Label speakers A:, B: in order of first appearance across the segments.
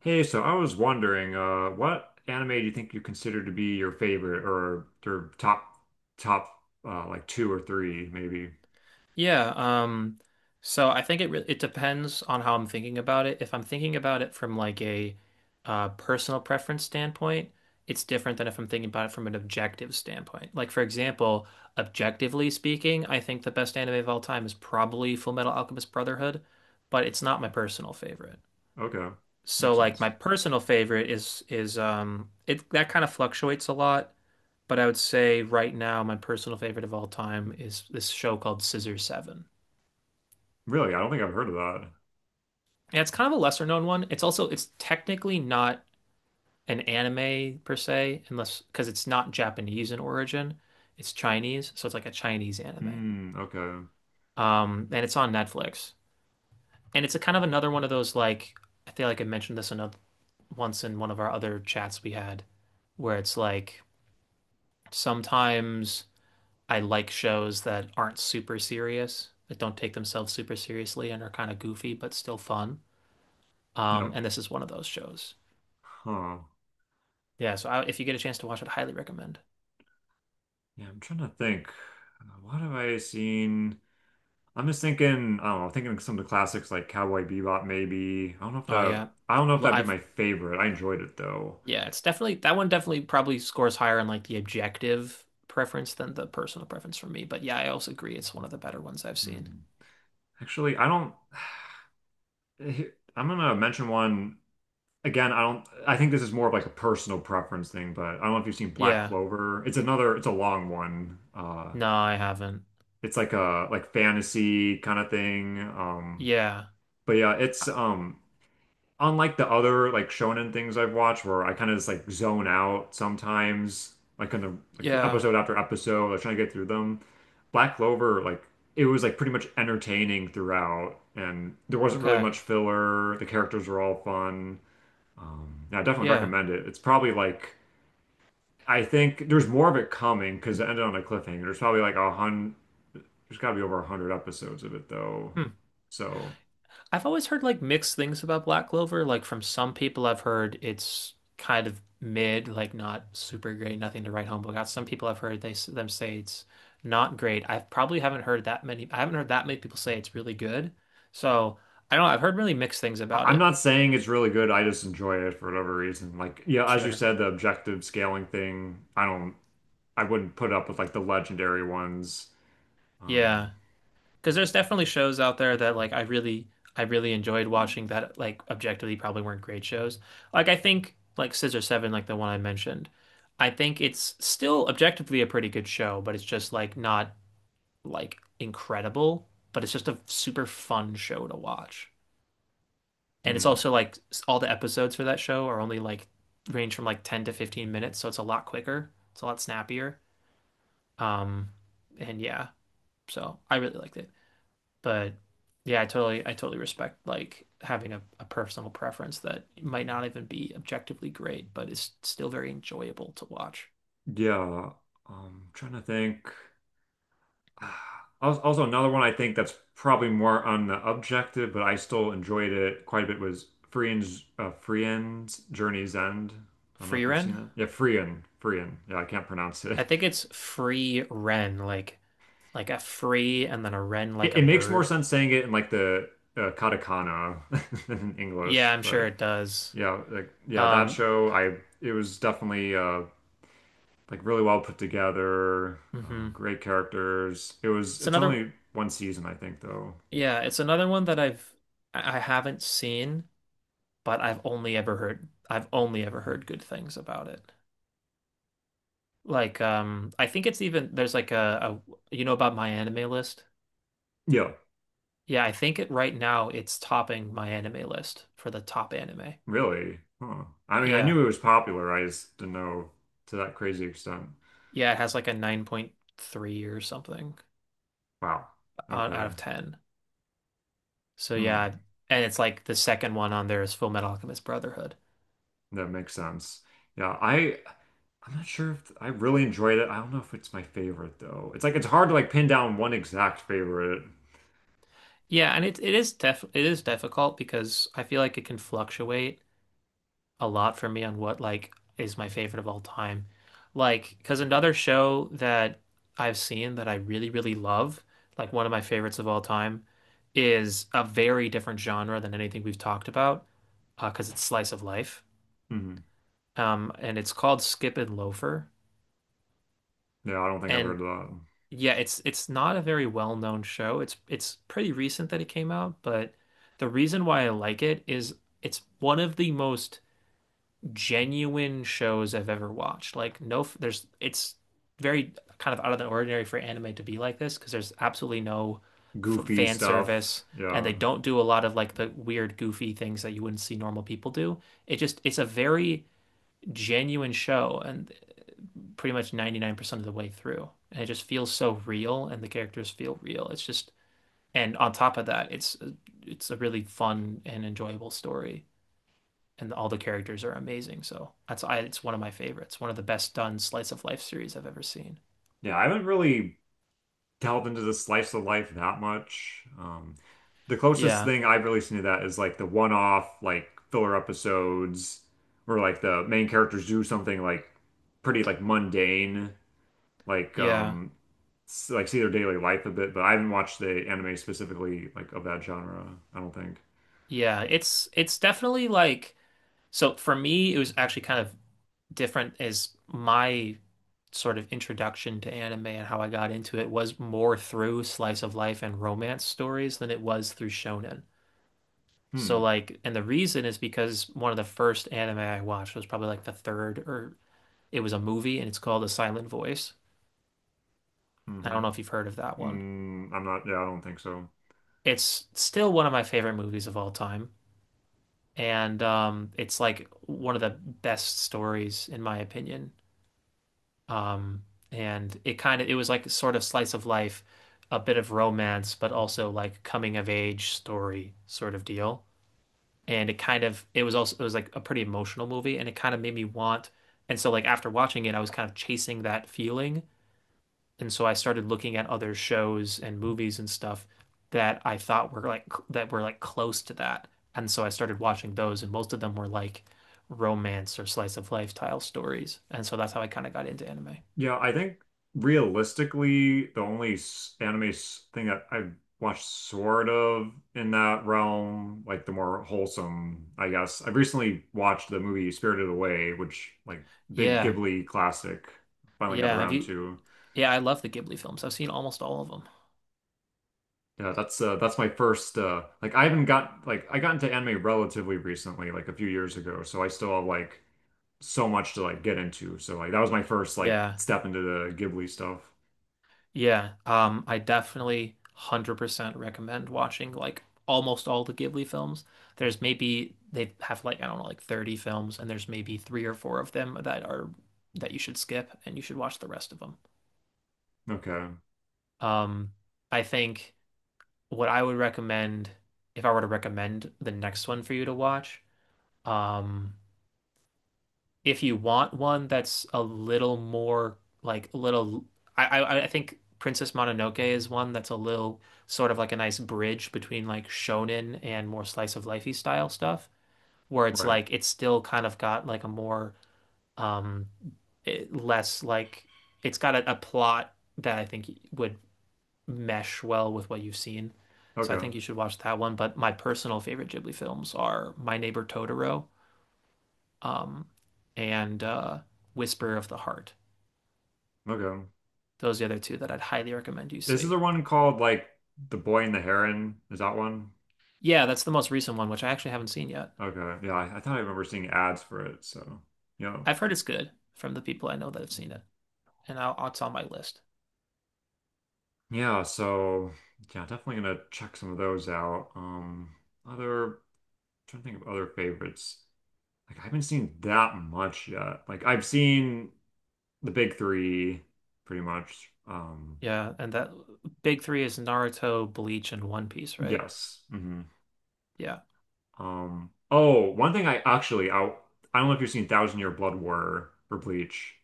A: Hey, so I was wondering, what anime do you think you consider to be your favorite or your top like two or three maybe?
B: Yeah, um, so I think it re it depends on how I'm thinking about it. If I'm thinking about it from like a personal preference standpoint, it's different than if I'm thinking about it from an objective standpoint. Like for example, objectively speaking, I think the best anime of all time is probably Full Metal Alchemist Brotherhood, but it's not my personal favorite.
A: Okay,
B: So
A: makes
B: like my
A: sense.
B: personal favorite is it that kind of fluctuates a lot, but I would say right now my personal favorite of all time is this show called Scissor Seven.
A: Really, I don't think I've heard of that.
B: Yeah, it's kind of a lesser known one. It's technically not an anime per se, unless because it's not Japanese in origin. It's Chinese, so it's like a Chinese anime.
A: Hmm. Okay.
B: And it's on Netflix. And it's a kind of another one of those like I feel like I mentioned this another once in one of our other chats we had, where it's like sometimes I like shows that aren't super serious, that don't take themselves super seriously and are kind of goofy but still fun.
A: Yeah.
B: And this is one of those shows.
A: Huh.
B: Yeah, so if you get a chance to watch it, highly recommend.
A: Yeah, I'm trying to think. What have I seen? I'm just thinking. I don't know. Thinking of some of the classics like Cowboy Bebop, maybe.
B: Oh yeah,
A: I don't know if
B: L-
A: that'd be
B: I've
A: my favorite. I enjoyed it though.
B: yeah, it's definitely that one. Definitely probably scores higher in like the objective preference than the personal preference for me. But yeah, I also agree it's one of the better ones I've seen.
A: Hmm. Actually, I don't. I'm gonna mention one. Again, I don't, I think this is more of like a personal preference thing, but I don't know if you've seen Black
B: Yeah,
A: Clover. It's a long one.
B: no, I haven't.
A: It's like a like fantasy kind of thing.
B: Yeah,
A: But yeah, it's
B: I-
A: um unlike the other like shonen things I've watched where I kind of just like zone out sometimes, like in the like
B: yeah,
A: episode after episode, like trying to get through them. Black Clover, like it was like pretty much entertaining throughout, and there wasn't really
B: okay,
A: much filler. The characters were all fun. Yeah, I definitely
B: yeah.
A: recommend it. It's probably like I think there's more of it coming because it ended on a cliffhanger. There's probably like a hundred. There's got to be over a hundred episodes of it though.
B: Hmm.
A: So
B: I've always heard like mixed things about Black Clover. Like from some people, I've heard it's kind of mid, like not super great, nothing to write home about. Some people I've heard they them say it's not great. I probably haven't heard that many. I haven't heard that many people say it's really good. So I don't know. I've heard really mixed things about
A: I'm
B: it.
A: not saying it's really good. I just enjoy it for whatever reason. Like yeah, as you
B: Sure.
A: said, the objective scaling thing. I don't. I wouldn't put up with like the legendary ones. Um,
B: Yeah. Because there's definitely shows out there that like I really enjoyed watching that like objectively probably weren't great shows. Like I think like Scissor Seven, like the one I mentioned, I think it's still objectively a pretty good show, but it's just like not like incredible, but it's just a super fun show to watch. And it's
A: hmm.
B: also like all the episodes for that show are only like range from like 10 to 15 minutes, so it's a lot quicker. It's a lot snappier. Um and yeah, so I really liked it. But yeah, I totally respect like having a personal preference that might not even be objectively great, but is still very enjoyable to watch.
A: Yeah. Trying to think. Also, another one I think that's probably more on the objective, but I still enjoyed it quite a bit was Frieren's Journey's End. I don't know
B: Free
A: if you've seen
B: Ren?
A: it. Yeah, Frien. Yeah, I can't pronounce it.
B: I think it's free Ren, like a free and then a wren,
A: It,
B: like a
A: it makes more
B: bird.
A: sense saying it in like the katakana than in
B: Yeah,
A: English,
B: I'm sure
A: but
B: it does.
A: yeah, that
B: Um,
A: show I it was definitely like really well put together, uh,
B: hmm
A: great characters.
B: It's
A: It's
B: another
A: only one season I think though.
B: yeah, it's another one that I haven't seen, but I've only ever heard good things about it. Like, I think it's even there's like a, you know about my anime list?
A: Yeah.
B: Yeah, I think it right now it's topping my anime list for the top anime.
A: Really? Huh. I mean, I
B: Yeah.
A: knew it was popular. I just didn't know to that crazy extent.
B: Yeah, it has like a 9.3 or something
A: Wow.
B: on, out
A: Okay.
B: of 10. So yeah,
A: Hmm.
B: and it's like the second one on there is Full Metal Alchemist Brotherhood.
A: That makes sense. Yeah, I'm not sure if I really enjoyed it. I don't know if it's my favorite though. It's like it's hard to like pin down one exact favorite.
B: Yeah, and it is def it is difficult because I feel like it can fluctuate a lot for me on what like is my favorite of all time. Like, because another show that I've seen that I really, really love, like one of my favorites of all time, is a very different genre than anything we've talked about, because it's slice of life.
A: Hmm.
B: And it's called Skip and Loafer.
A: Yeah, I don't think I've heard of
B: And
A: that.
B: yeah, it's not a very well-known show. It's pretty recent that it came out, but the reason why I like it is it's one of the most genuine shows I've ever watched. Like no, there's it's very kind of out of the ordinary for anime to be like this because there's absolutely no f
A: Goofy
B: fan
A: stuff.
B: service and
A: Yeah.
B: they don't do a lot of like the weird goofy things that you wouldn't see normal people do. It just it's a very genuine show and pretty much 99% of the way through. And it just feels so real and the characters feel real. It's just and on top of that, it's a really fun and enjoyable story and all the characters are amazing. So that's I it's one of my favorites, one of the best done slice of life series I've ever seen.
A: Yeah, I haven't really delve into the slice of life that much. The closest
B: Yeah,
A: thing I've really seen to that is like the one-off like filler episodes where like the main characters do something like pretty like mundane, like
B: yeah,
A: um like see their daily life a bit, but I haven't watched the anime specifically like of that genre, I don't think.
B: yeah. It's definitely like so for me it was actually kind of different as my sort of introduction to anime and how I got into it was more through slice of life and romance stories than it was through shonen. So
A: Hmm.
B: like and the reason is because one of the first anime I watched was probably like the third or it was a movie and it's called The Silent Voice. I
A: Mm-hmm.
B: don't know if you've heard of that one.
A: I'm not, yeah, I don't think so.
B: It's still one of my favorite movies of all time, and it's like one of the best stories in my opinion. Um, and it kind of it was like sort of slice of life, a bit of romance, but also like coming of age story sort of deal. And it kind of it was also it was like a pretty emotional movie, and it kind of made me want. And so like after watching it, I was kind of chasing that feeling. And so I started looking at other shows and movies and stuff that I thought were like that were like close to that. And so I started watching those, and most of them were like romance or slice of life style stories. And so that's how I kind of got into anime.
A: Yeah, I think realistically, the only thing that I've watched sort of in that realm, like the more wholesome, I guess. I've recently watched the movie Spirited Away, which like big
B: Yeah.
A: Ghibli classic. Finally got
B: Yeah. Have
A: around
B: you?
A: to.
B: Yeah, I love the Ghibli films. I've seen almost all of them.
A: Yeah, that's my first, I haven't got like I got into anime relatively recently, like a few years ago, so I still have like so much to like get into. So like that was my first like
B: Yeah.
A: step into the Ghibli stuff.
B: Yeah, I definitely 100% recommend watching like almost all the Ghibli films. There's maybe they have like I don't know like 30 films and there's maybe three or four of them that are that you should skip and you should watch the rest of them.
A: Okay,
B: Um, I think what I would recommend if I were to recommend the next one for you to watch, um, if you want one that's a little more like a little I think Princess Mononoke is one that's a little sort of like a nice bridge between like shonen and more slice of lifey style stuff where it's
A: right.
B: like it's still kind of got like a more um less like it's got a plot that I think would mesh well with what you've seen. So I think
A: Okay.
B: you should watch that one, but my personal favorite Ghibli films are My Neighbor Totoro, um, and Whisper of the Heart.
A: Okay.
B: Those are the other two that I'd highly recommend you
A: This is
B: see.
A: the one called like The Boy and the Heron. Is that one?
B: Yeah, that's the most recent one, which I actually haven't seen yet.
A: Okay. Yeah, I thought I remember seeing ads for it. So, yeah.
B: I've heard it's good from the people I know that have seen it, and it's on my list.
A: Yeah, so yeah, definitely gonna check some of those out. Other trying to think of other favorites. Like I haven't seen that much yet. Like I've seen the big three pretty much.
B: Yeah, and that big three is Naruto, Bleach, and One Piece, right?
A: Yes. Hmm.
B: Yeah.
A: Oh, one thing I actually I don't know if you've seen Thousand Year Blood War for Bleach.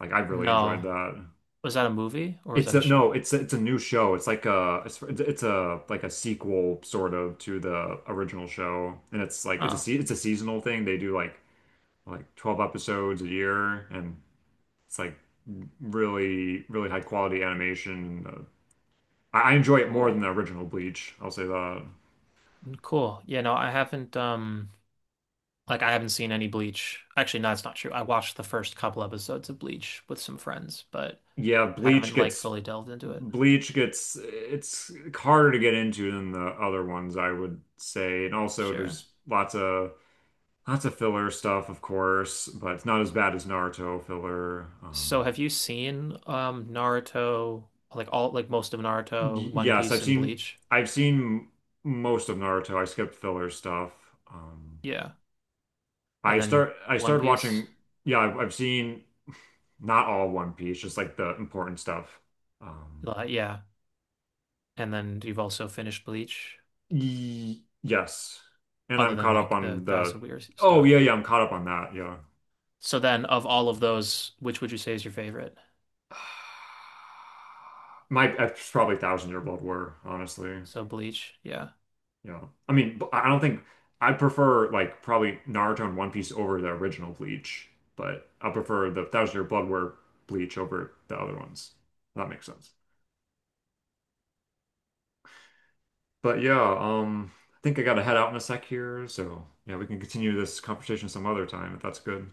A: Like I really enjoyed
B: No.
A: that.
B: Was that a movie or was
A: It's
B: that a
A: a no,
B: show?
A: it's a new show. It's like a it's a like a sequel sort of to the original show, and it's like
B: Oh,
A: it's a seasonal thing. They do like 12 episodes a year, and it's like really really high quality animation. I enjoy it more than
B: cool.
A: the original Bleach. I'll say that.
B: Mm, cool. Yeah, no, I haven't like I haven't seen any Bleach. Actually, no, it's not true. I watched the first couple episodes of Bleach with some friends, but
A: Yeah,
B: I haven't like fully delved into it.
A: Bleach gets it's harder to get into than the other ones, I would say, and also
B: Sure.
A: there's lots of lots of filler stuff, of course, but it's not as bad as Naruto filler.
B: So have you seen Naruto, like all like most of Naruto, One
A: Yes,
B: Piece and Bleach?
A: I've seen most of Naruto. I skipped filler stuff. Um,
B: Yeah.
A: I
B: And then
A: start I
B: One
A: started
B: Piece?
A: watching. Yeah, I've seen not all One Piece, just like the important stuff. Um,
B: Yeah. And then you've also finished Bleach,
A: y yes, and
B: other
A: I'm
B: than
A: caught up
B: like the
A: on the.
B: Thousand Weird
A: Oh yeah,
B: stuff.
A: yeah, I'm caught up on that. Yeah,
B: So then of all of those, which would you say is your favorite?
A: my it's probably Thousand Year Blood War, honestly.
B: So Bleach, yeah.
A: You know, I mean, I don't think I prefer like probably Naruto and One Piece over the original Bleach, but I prefer the Thousand Year Blood War Bleach over the other ones. If that makes sense. But yeah, I think I gotta head out in a sec here, so yeah, we can continue this conversation some other time if that's good.